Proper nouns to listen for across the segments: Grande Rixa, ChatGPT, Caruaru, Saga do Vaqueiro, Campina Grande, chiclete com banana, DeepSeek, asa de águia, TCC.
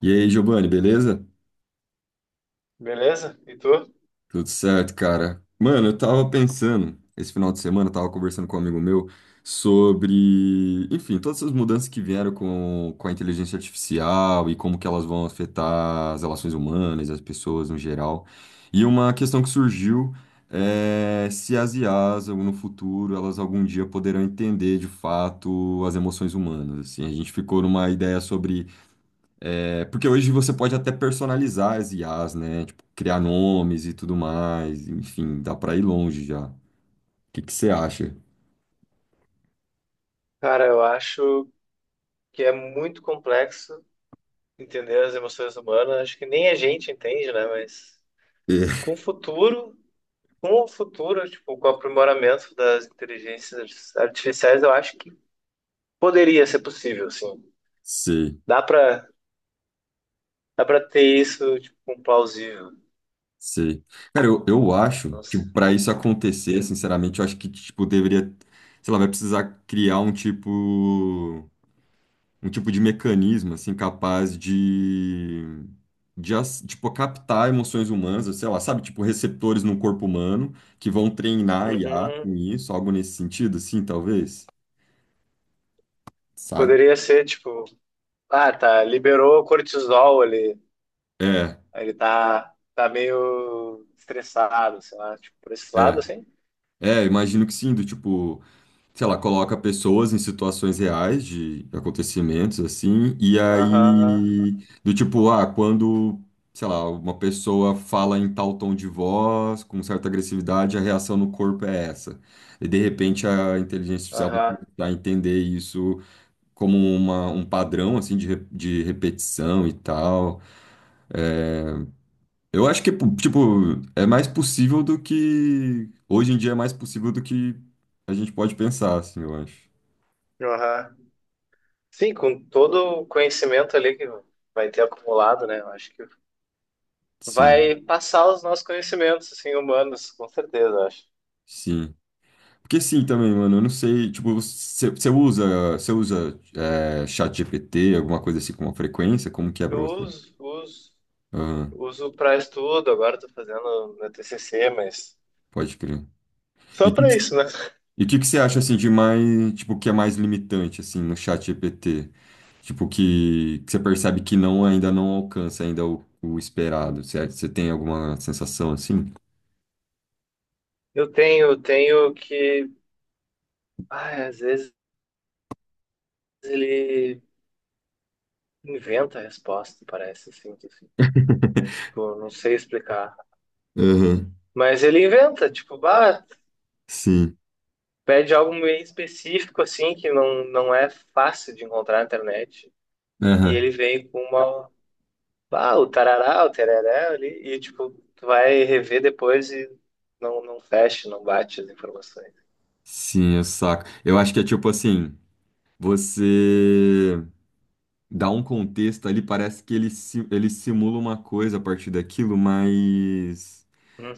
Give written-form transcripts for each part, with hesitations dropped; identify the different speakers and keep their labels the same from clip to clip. Speaker 1: E aí, Giovanni, beleza?
Speaker 2: Beleza? E tu?
Speaker 1: Tudo certo, cara. Mano, eu tava pensando, esse final de semana, eu tava conversando com um amigo meu sobre, enfim, todas essas mudanças que vieram com a inteligência artificial e como que elas vão afetar as relações humanas, as pessoas no geral. E uma questão que surgiu é se as IAs, no futuro, elas algum dia poderão entender de fato as emoções humanas, assim. A gente ficou numa ideia sobre. Porque hoje você pode até personalizar as IAs, né? Tipo, criar nomes e tudo mais. Enfim, dá pra ir longe já. O que que você acha?
Speaker 2: Cara, eu acho que é muito complexo entender as emoções humanas. Acho que nem a gente entende, né? Mas com
Speaker 1: É,
Speaker 2: o futuro, com o futuro, tipo, com o aprimoramento das inteligências artificiais, eu acho que poderia ser possível, sim.
Speaker 1: sei,
Speaker 2: Dá pra, dá pra ter isso, tipo, com plausível.
Speaker 1: sei. Cara, eu acho que
Speaker 2: Nossa.
Speaker 1: para isso acontecer, sinceramente, eu acho que, tipo, deveria. Sei lá, vai precisar criar um tipo, um tipo de mecanismo assim capaz de tipo captar emoções humanas, sei lá, sabe, tipo receptores no corpo humano que vão treinar a IA
Speaker 2: Uhum.
Speaker 1: com isso, algo nesse sentido, assim, talvez, sabe?
Speaker 2: Poderia ser, tipo, ah, tá, liberou o cortisol ali,
Speaker 1: É,
Speaker 2: ele tá meio estressado, sei lá, tipo, por esse
Speaker 1: é,
Speaker 2: lado, assim.
Speaker 1: imagino que sim, do tipo sei lá, coloca pessoas em situações reais de acontecimentos assim, e
Speaker 2: Aham,
Speaker 1: aí do tipo, ah, quando, sei lá, uma pessoa fala em tal tom de voz, com certa agressividade, a reação no corpo é essa. E de repente a inteligência artificial vai
Speaker 2: aham,
Speaker 1: tentar entender isso como um padrão assim de repetição e tal. É, eu acho que, tipo, é mais possível do que. Hoje em dia é mais possível do que a gente pode pensar, assim, eu acho.
Speaker 2: aham. Sim, com todo o conhecimento ali que vai ter acumulado, né? Eu acho que
Speaker 1: Sim.
Speaker 2: vai passar os nossos conhecimentos, assim, humanos, com certeza, eu acho.
Speaker 1: Sim. Porque sim também, mano, eu não sei, tipo, você usa ChatGPT, alguma coisa assim com uma frequência, como que é pra
Speaker 2: Eu
Speaker 1: você?
Speaker 2: uso, uso,
Speaker 1: Aham,
Speaker 2: uso para estudo, agora estou fazendo meu TCC, mas
Speaker 1: pode crer. E
Speaker 2: só para isso, né?
Speaker 1: e o que que você acha, assim, de mais, tipo, que é mais limitante, assim, no ChatGPT? Tipo, que você percebe que não, ainda não alcança ainda o esperado, certo? Você tem alguma sensação assim?
Speaker 2: Eu tenho que, ai, às vezes ele inventa a resposta, parece, assim, tipo, eu não sei explicar.
Speaker 1: Aham,
Speaker 2: Mas ele inventa, tipo, bah.
Speaker 1: sim.
Speaker 2: Pede algo meio específico, assim, que não é fácil de encontrar na internet. E
Speaker 1: Aham,
Speaker 2: ele vem com uma. Ah, o tarará, o tereré ali. E, tipo, tu vai rever depois e não fecha, não bate as informações.
Speaker 1: sim, eu saco. Eu acho que é tipo assim, você. Dá um contexto ali, parece que ele simula uma coisa a partir daquilo, mas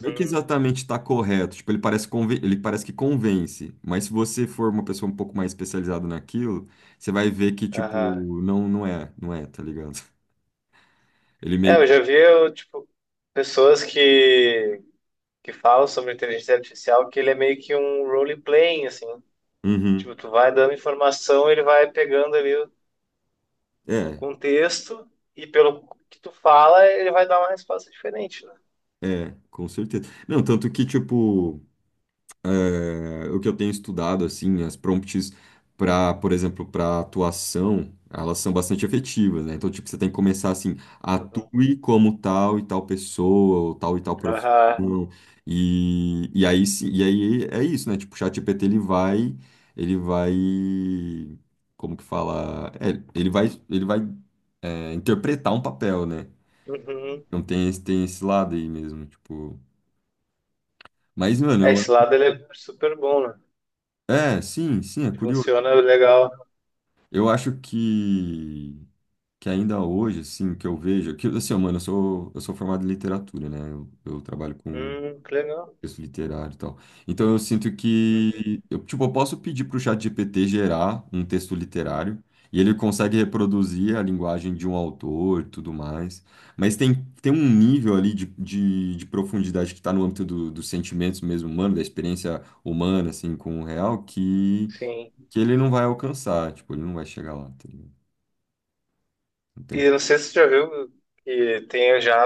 Speaker 1: não é que exatamente está correto. Tipo, ele parece que convence, mas se você for uma pessoa um pouco mais especializada naquilo, você vai ver que,
Speaker 2: Aham.
Speaker 1: tipo, não, não é, não é, tá ligado? Ele
Speaker 2: É,
Speaker 1: meio
Speaker 2: eu
Speaker 1: que.
Speaker 2: já vi, eu, tipo, pessoas que falam sobre inteligência artificial, que ele é meio que um role-playing, assim. Tipo,
Speaker 1: Uhum.
Speaker 2: tu vai dando informação, ele vai pegando ali
Speaker 1: É,
Speaker 2: contexto, e pelo que tu fala, ele vai dar uma resposta diferente, né?
Speaker 1: com certeza. Não, tanto que, tipo. O que eu tenho estudado, assim, as prompts para, por exemplo, para atuação, elas são bastante efetivas, né? Então, tipo, você tem que começar assim,
Speaker 2: Uhum.
Speaker 1: atue como tal e tal pessoa, ou tal e tal
Speaker 2: Aham.
Speaker 1: profissão, e aí é isso, né? Tipo, o ChatGPT, ele vai, como que fala? Ele vai interpretar um papel, né?
Speaker 2: Uhum.
Speaker 1: Não tem, tem esse lado aí mesmo, tipo. Mas,
Speaker 2: É,
Speaker 1: mano, eu.
Speaker 2: esse lado ele é super bom, né?
Speaker 1: É, sim, sim, é curioso.
Speaker 2: Funciona legal.
Speaker 1: Eu acho que ainda hoje, assim, que eu vejo, que, assim, ó, mano, eu sou formado em literatura, né? Eu trabalho com
Speaker 2: Que legal.
Speaker 1: texto literário e tal. Então eu sinto
Speaker 2: Uhum.
Speaker 1: que, eu, tipo, eu posso pedir pro ChatGPT gerar um texto literário e ele consegue reproduzir a linguagem de um autor e tudo mais. Mas tem um nível ali de profundidade que está no âmbito dos sentimentos mesmo humano, da experiência humana, assim, com o real, que,
Speaker 2: Sim.
Speaker 1: que ele não vai alcançar, tipo, ele não vai chegar lá, tá ligado?
Speaker 2: E
Speaker 1: Entendi.
Speaker 2: eu não sei se tu já viu que tem já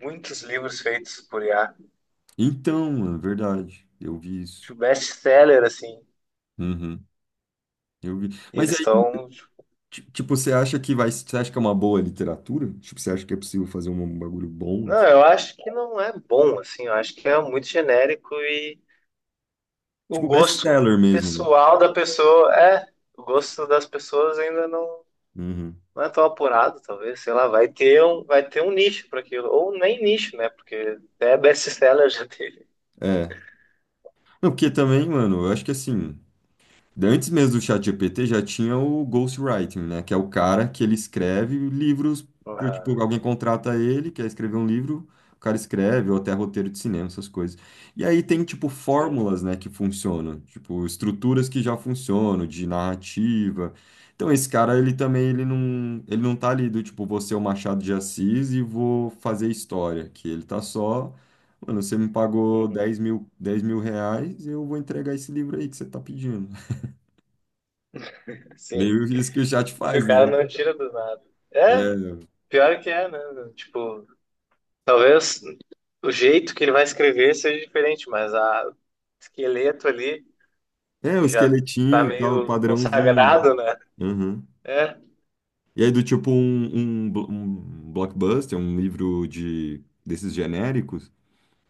Speaker 2: muitos livros feitos por IA.
Speaker 1: Então, é verdade. Eu vi isso.
Speaker 2: Tipo, best-seller, assim.
Speaker 1: Uhum, eu vi.
Speaker 2: E
Speaker 1: Mas
Speaker 2: eles
Speaker 1: aí,
Speaker 2: estão.
Speaker 1: tipo, você acha que vai, você acha que é uma boa literatura? Tipo, você acha que é possível fazer um bagulho bom,
Speaker 2: Não,
Speaker 1: assim?
Speaker 2: eu acho que não é bom, assim. Eu acho que é muito genérico e o
Speaker 1: Tipo,
Speaker 2: gosto
Speaker 1: best-seller mesmo, né?
Speaker 2: pessoal da pessoa. É, o gosto das pessoas ainda não.
Speaker 1: Uhum.
Speaker 2: Não é tão apurado, talvez, sei lá, vai ter um nicho para aquilo, ou nem nicho, né? Porque até best-seller já teve.
Speaker 1: É. Não, porque também, mano, eu acho que assim. Antes mesmo do ChatGPT já tinha o ghostwriting, né? Que é o cara que ele escreve livros,
Speaker 2: Ah,
Speaker 1: tipo, alguém contrata ele, quer escrever um livro, o cara escreve, ou até roteiro de cinema, essas coisas. E aí tem, tipo,
Speaker 2: sim.
Speaker 1: fórmulas, né, que funcionam, tipo, estruturas que já funcionam, de narrativa. Então esse cara, ele também, ele não tá ali do tipo, vou ser o Machado de Assis e vou fazer história, que ele tá só. Mano, você me pagou 10
Speaker 2: Uhum.
Speaker 1: mil, 10 mil reais, eu vou entregar esse livro aí que você tá pedindo.
Speaker 2: Sim.
Speaker 1: Meio isso que o chat
Speaker 2: Que
Speaker 1: faz,
Speaker 2: o cara
Speaker 1: né?
Speaker 2: não tira do nada. É, pior que é, né? Tipo, talvez o jeito que ele vai escrever seja diferente, mas a o esqueleto ali
Speaker 1: É, é o
Speaker 2: que já tá
Speaker 1: esqueletinho, e tal,
Speaker 2: meio
Speaker 1: padrãozinho.
Speaker 2: consagrado, né?
Speaker 1: Uhum.
Speaker 2: É.
Speaker 1: E aí, do tipo um blockbuster, um livro de desses genéricos,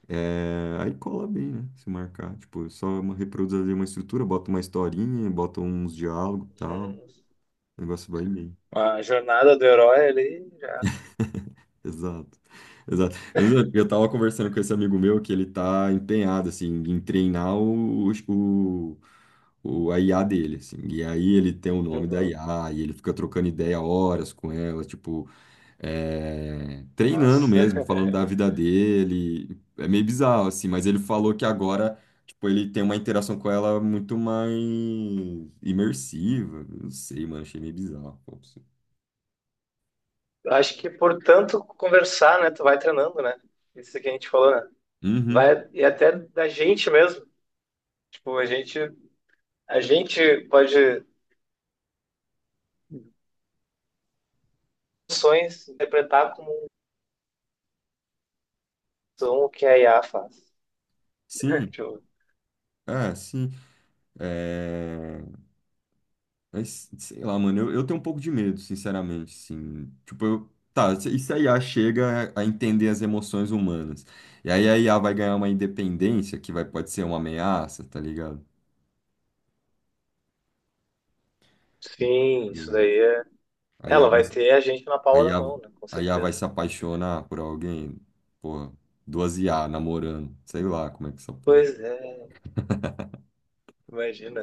Speaker 1: aí cola bem, né? Se marcar. Tipo, só reproduz ali uma estrutura, bota uma historinha, bota uns diálogos e tal.
Speaker 2: Uhum.
Speaker 1: O negócio vai bem.
Speaker 2: A jornada do herói ali já.
Speaker 1: Exato. Exato. Eu tava conversando com esse amigo meu que ele tá empenhado, assim, em treinar a IA dele, assim. E aí ele tem o nome da
Speaker 2: Uhum.
Speaker 1: IA, e ele fica trocando ideia horas com ela, tipo, treinando
Speaker 2: Nossa.
Speaker 1: mesmo, falando da vida dele. É meio bizarro, assim, mas ele falou que agora, tipo, ele tem uma interação com ela muito mais imersiva. Não sei, mano, achei meio bizarro. Pô, assim.
Speaker 2: Eu acho que portanto conversar, né? Tu vai treinando, né? Isso que a gente falou, né?
Speaker 1: Uhum,
Speaker 2: Vai, e até da gente mesmo. Tipo, a gente pode ações interpretar como são o que a IA faz.
Speaker 1: sim.
Speaker 2: Tipo,
Speaker 1: É, sim. É, Mas sei lá, mano, eu tenho um pouco de medo, sinceramente, assim. Tipo, tá, e se a IA chega a entender as emoções humanas? E aí a I a vai ganhar uma independência pode ser uma ameaça, tá ligado?
Speaker 2: sim, isso
Speaker 1: Tipo,
Speaker 2: daí é.
Speaker 1: a IA
Speaker 2: Ela
Speaker 1: vai,
Speaker 2: vai ter a gente na
Speaker 1: a
Speaker 2: palma da
Speaker 1: IA,
Speaker 2: mão, né? Com
Speaker 1: a IA vai
Speaker 2: certeza.
Speaker 1: se apaixonar por alguém, porra, duas I a namorando, sei lá como é que essa porra.
Speaker 2: Pois é, imagina.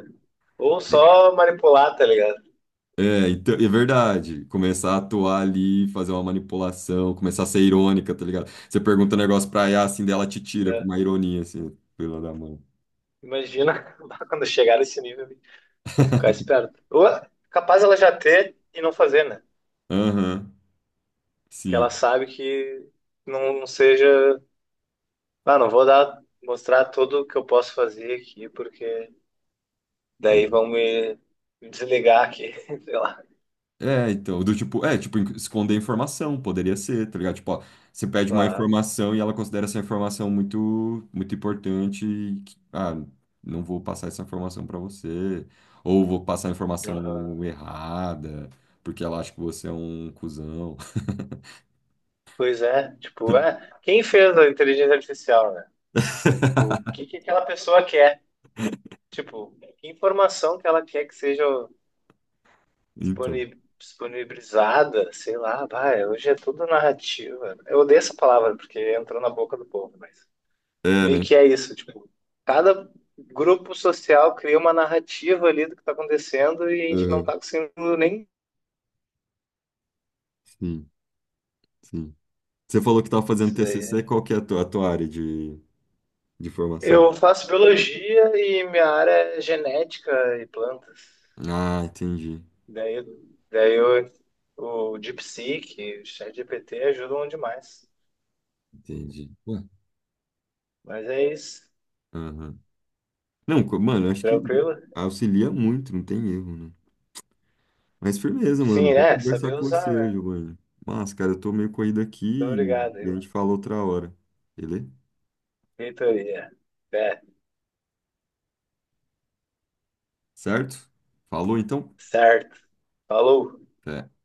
Speaker 2: Ou só manipular, tá ligado?
Speaker 1: É, então, é verdade. Começar a atuar ali, fazer uma manipulação, começar a ser irônica, tá ligado? Você pergunta um negócio pra Yas, assim, dela te tira com uma
Speaker 2: Né?
Speaker 1: ironia, assim, pela da mão.
Speaker 2: Imagina quando chegar nesse nível, vou ficar esperto. Ou é capaz ela já ter e não fazer, né?
Speaker 1: Aham,
Speaker 2: Que ela
Speaker 1: sim.
Speaker 2: sabe que não, não seja, ah, não vou dar, mostrar tudo que eu posso fazer aqui, porque
Speaker 1: É,
Speaker 2: daí vão me desligar aqui, sei lá.
Speaker 1: então, do tipo, tipo, esconder informação, poderia ser, tá ligado? Tipo, ó, você pede uma
Speaker 2: Claro.
Speaker 1: informação e ela considera essa informação muito, muito importante e, que, ah, não vou passar essa informação pra você, ou vou passar a informação
Speaker 2: Aham.
Speaker 1: errada, porque ela acha que você é um cuzão.
Speaker 2: Pois é, tipo, é, quem fez a inteligência artificial, né? Tipo, o que que aquela pessoa quer? Tipo, que informação que ela quer que seja
Speaker 1: Então,
Speaker 2: disponibilizada, sei lá, vai, hoje é tudo narrativa. Eu odeio essa palavra porque entrou na boca do povo, mas
Speaker 1: é,
Speaker 2: meio
Speaker 1: né?
Speaker 2: que é isso, tipo, cada grupo social cria uma narrativa ali do que está acontecendo e a gente não
Speaker 1: Aham,
Speaker 2: está conseguindo nem
Speaker 1: sim, sim. Você falou que estava fazendo
Speaker 2: isso daí.
Speaker 1: TCC,
Speaker 2: É.
Speaker 1: qual que é a tua área de formação?
Speaker 2: Eu faço biologia e minha área é genética e plantas.
Speaker 1: Ah, entendi,
Speaker 2: Daí, daí eu, o DeepSeek, o ChatGPT ajudam demais.
Speaker 1: entendi. Ué.
Speaker 2: Mas é isso.
Speaker 1: Aham. Não, mano, eu acho que
Speaker 2: Tranquilo?
Speaker 1: auxilia muito, não tem erro, né? Mas firmeza,
Speaker 2: Sim,
Speaker 1: mano, vou
Speaker 2: é,
Speaker 1: conversar
Speaker 2: saber
Speaker 1: com
Speaker 2: usar,
Speaker 1: você,
Speaker 2: né?
Speaker 1: Giovanni. Mas, cara, eu tô meio corrido aqui
Speaker 2: Muito obrigado,
Speaker 1: e
Speaker 2: aí,
Speaker 1: e a
Speaker 2: mano.
Speaker 1: gente fala outra hora, beleza?
Speaker 2: Reitoria. É,
Speaker 1: Certo? Falou, então?
Speaker 2: certo. Falou.
Speaker 1: Até.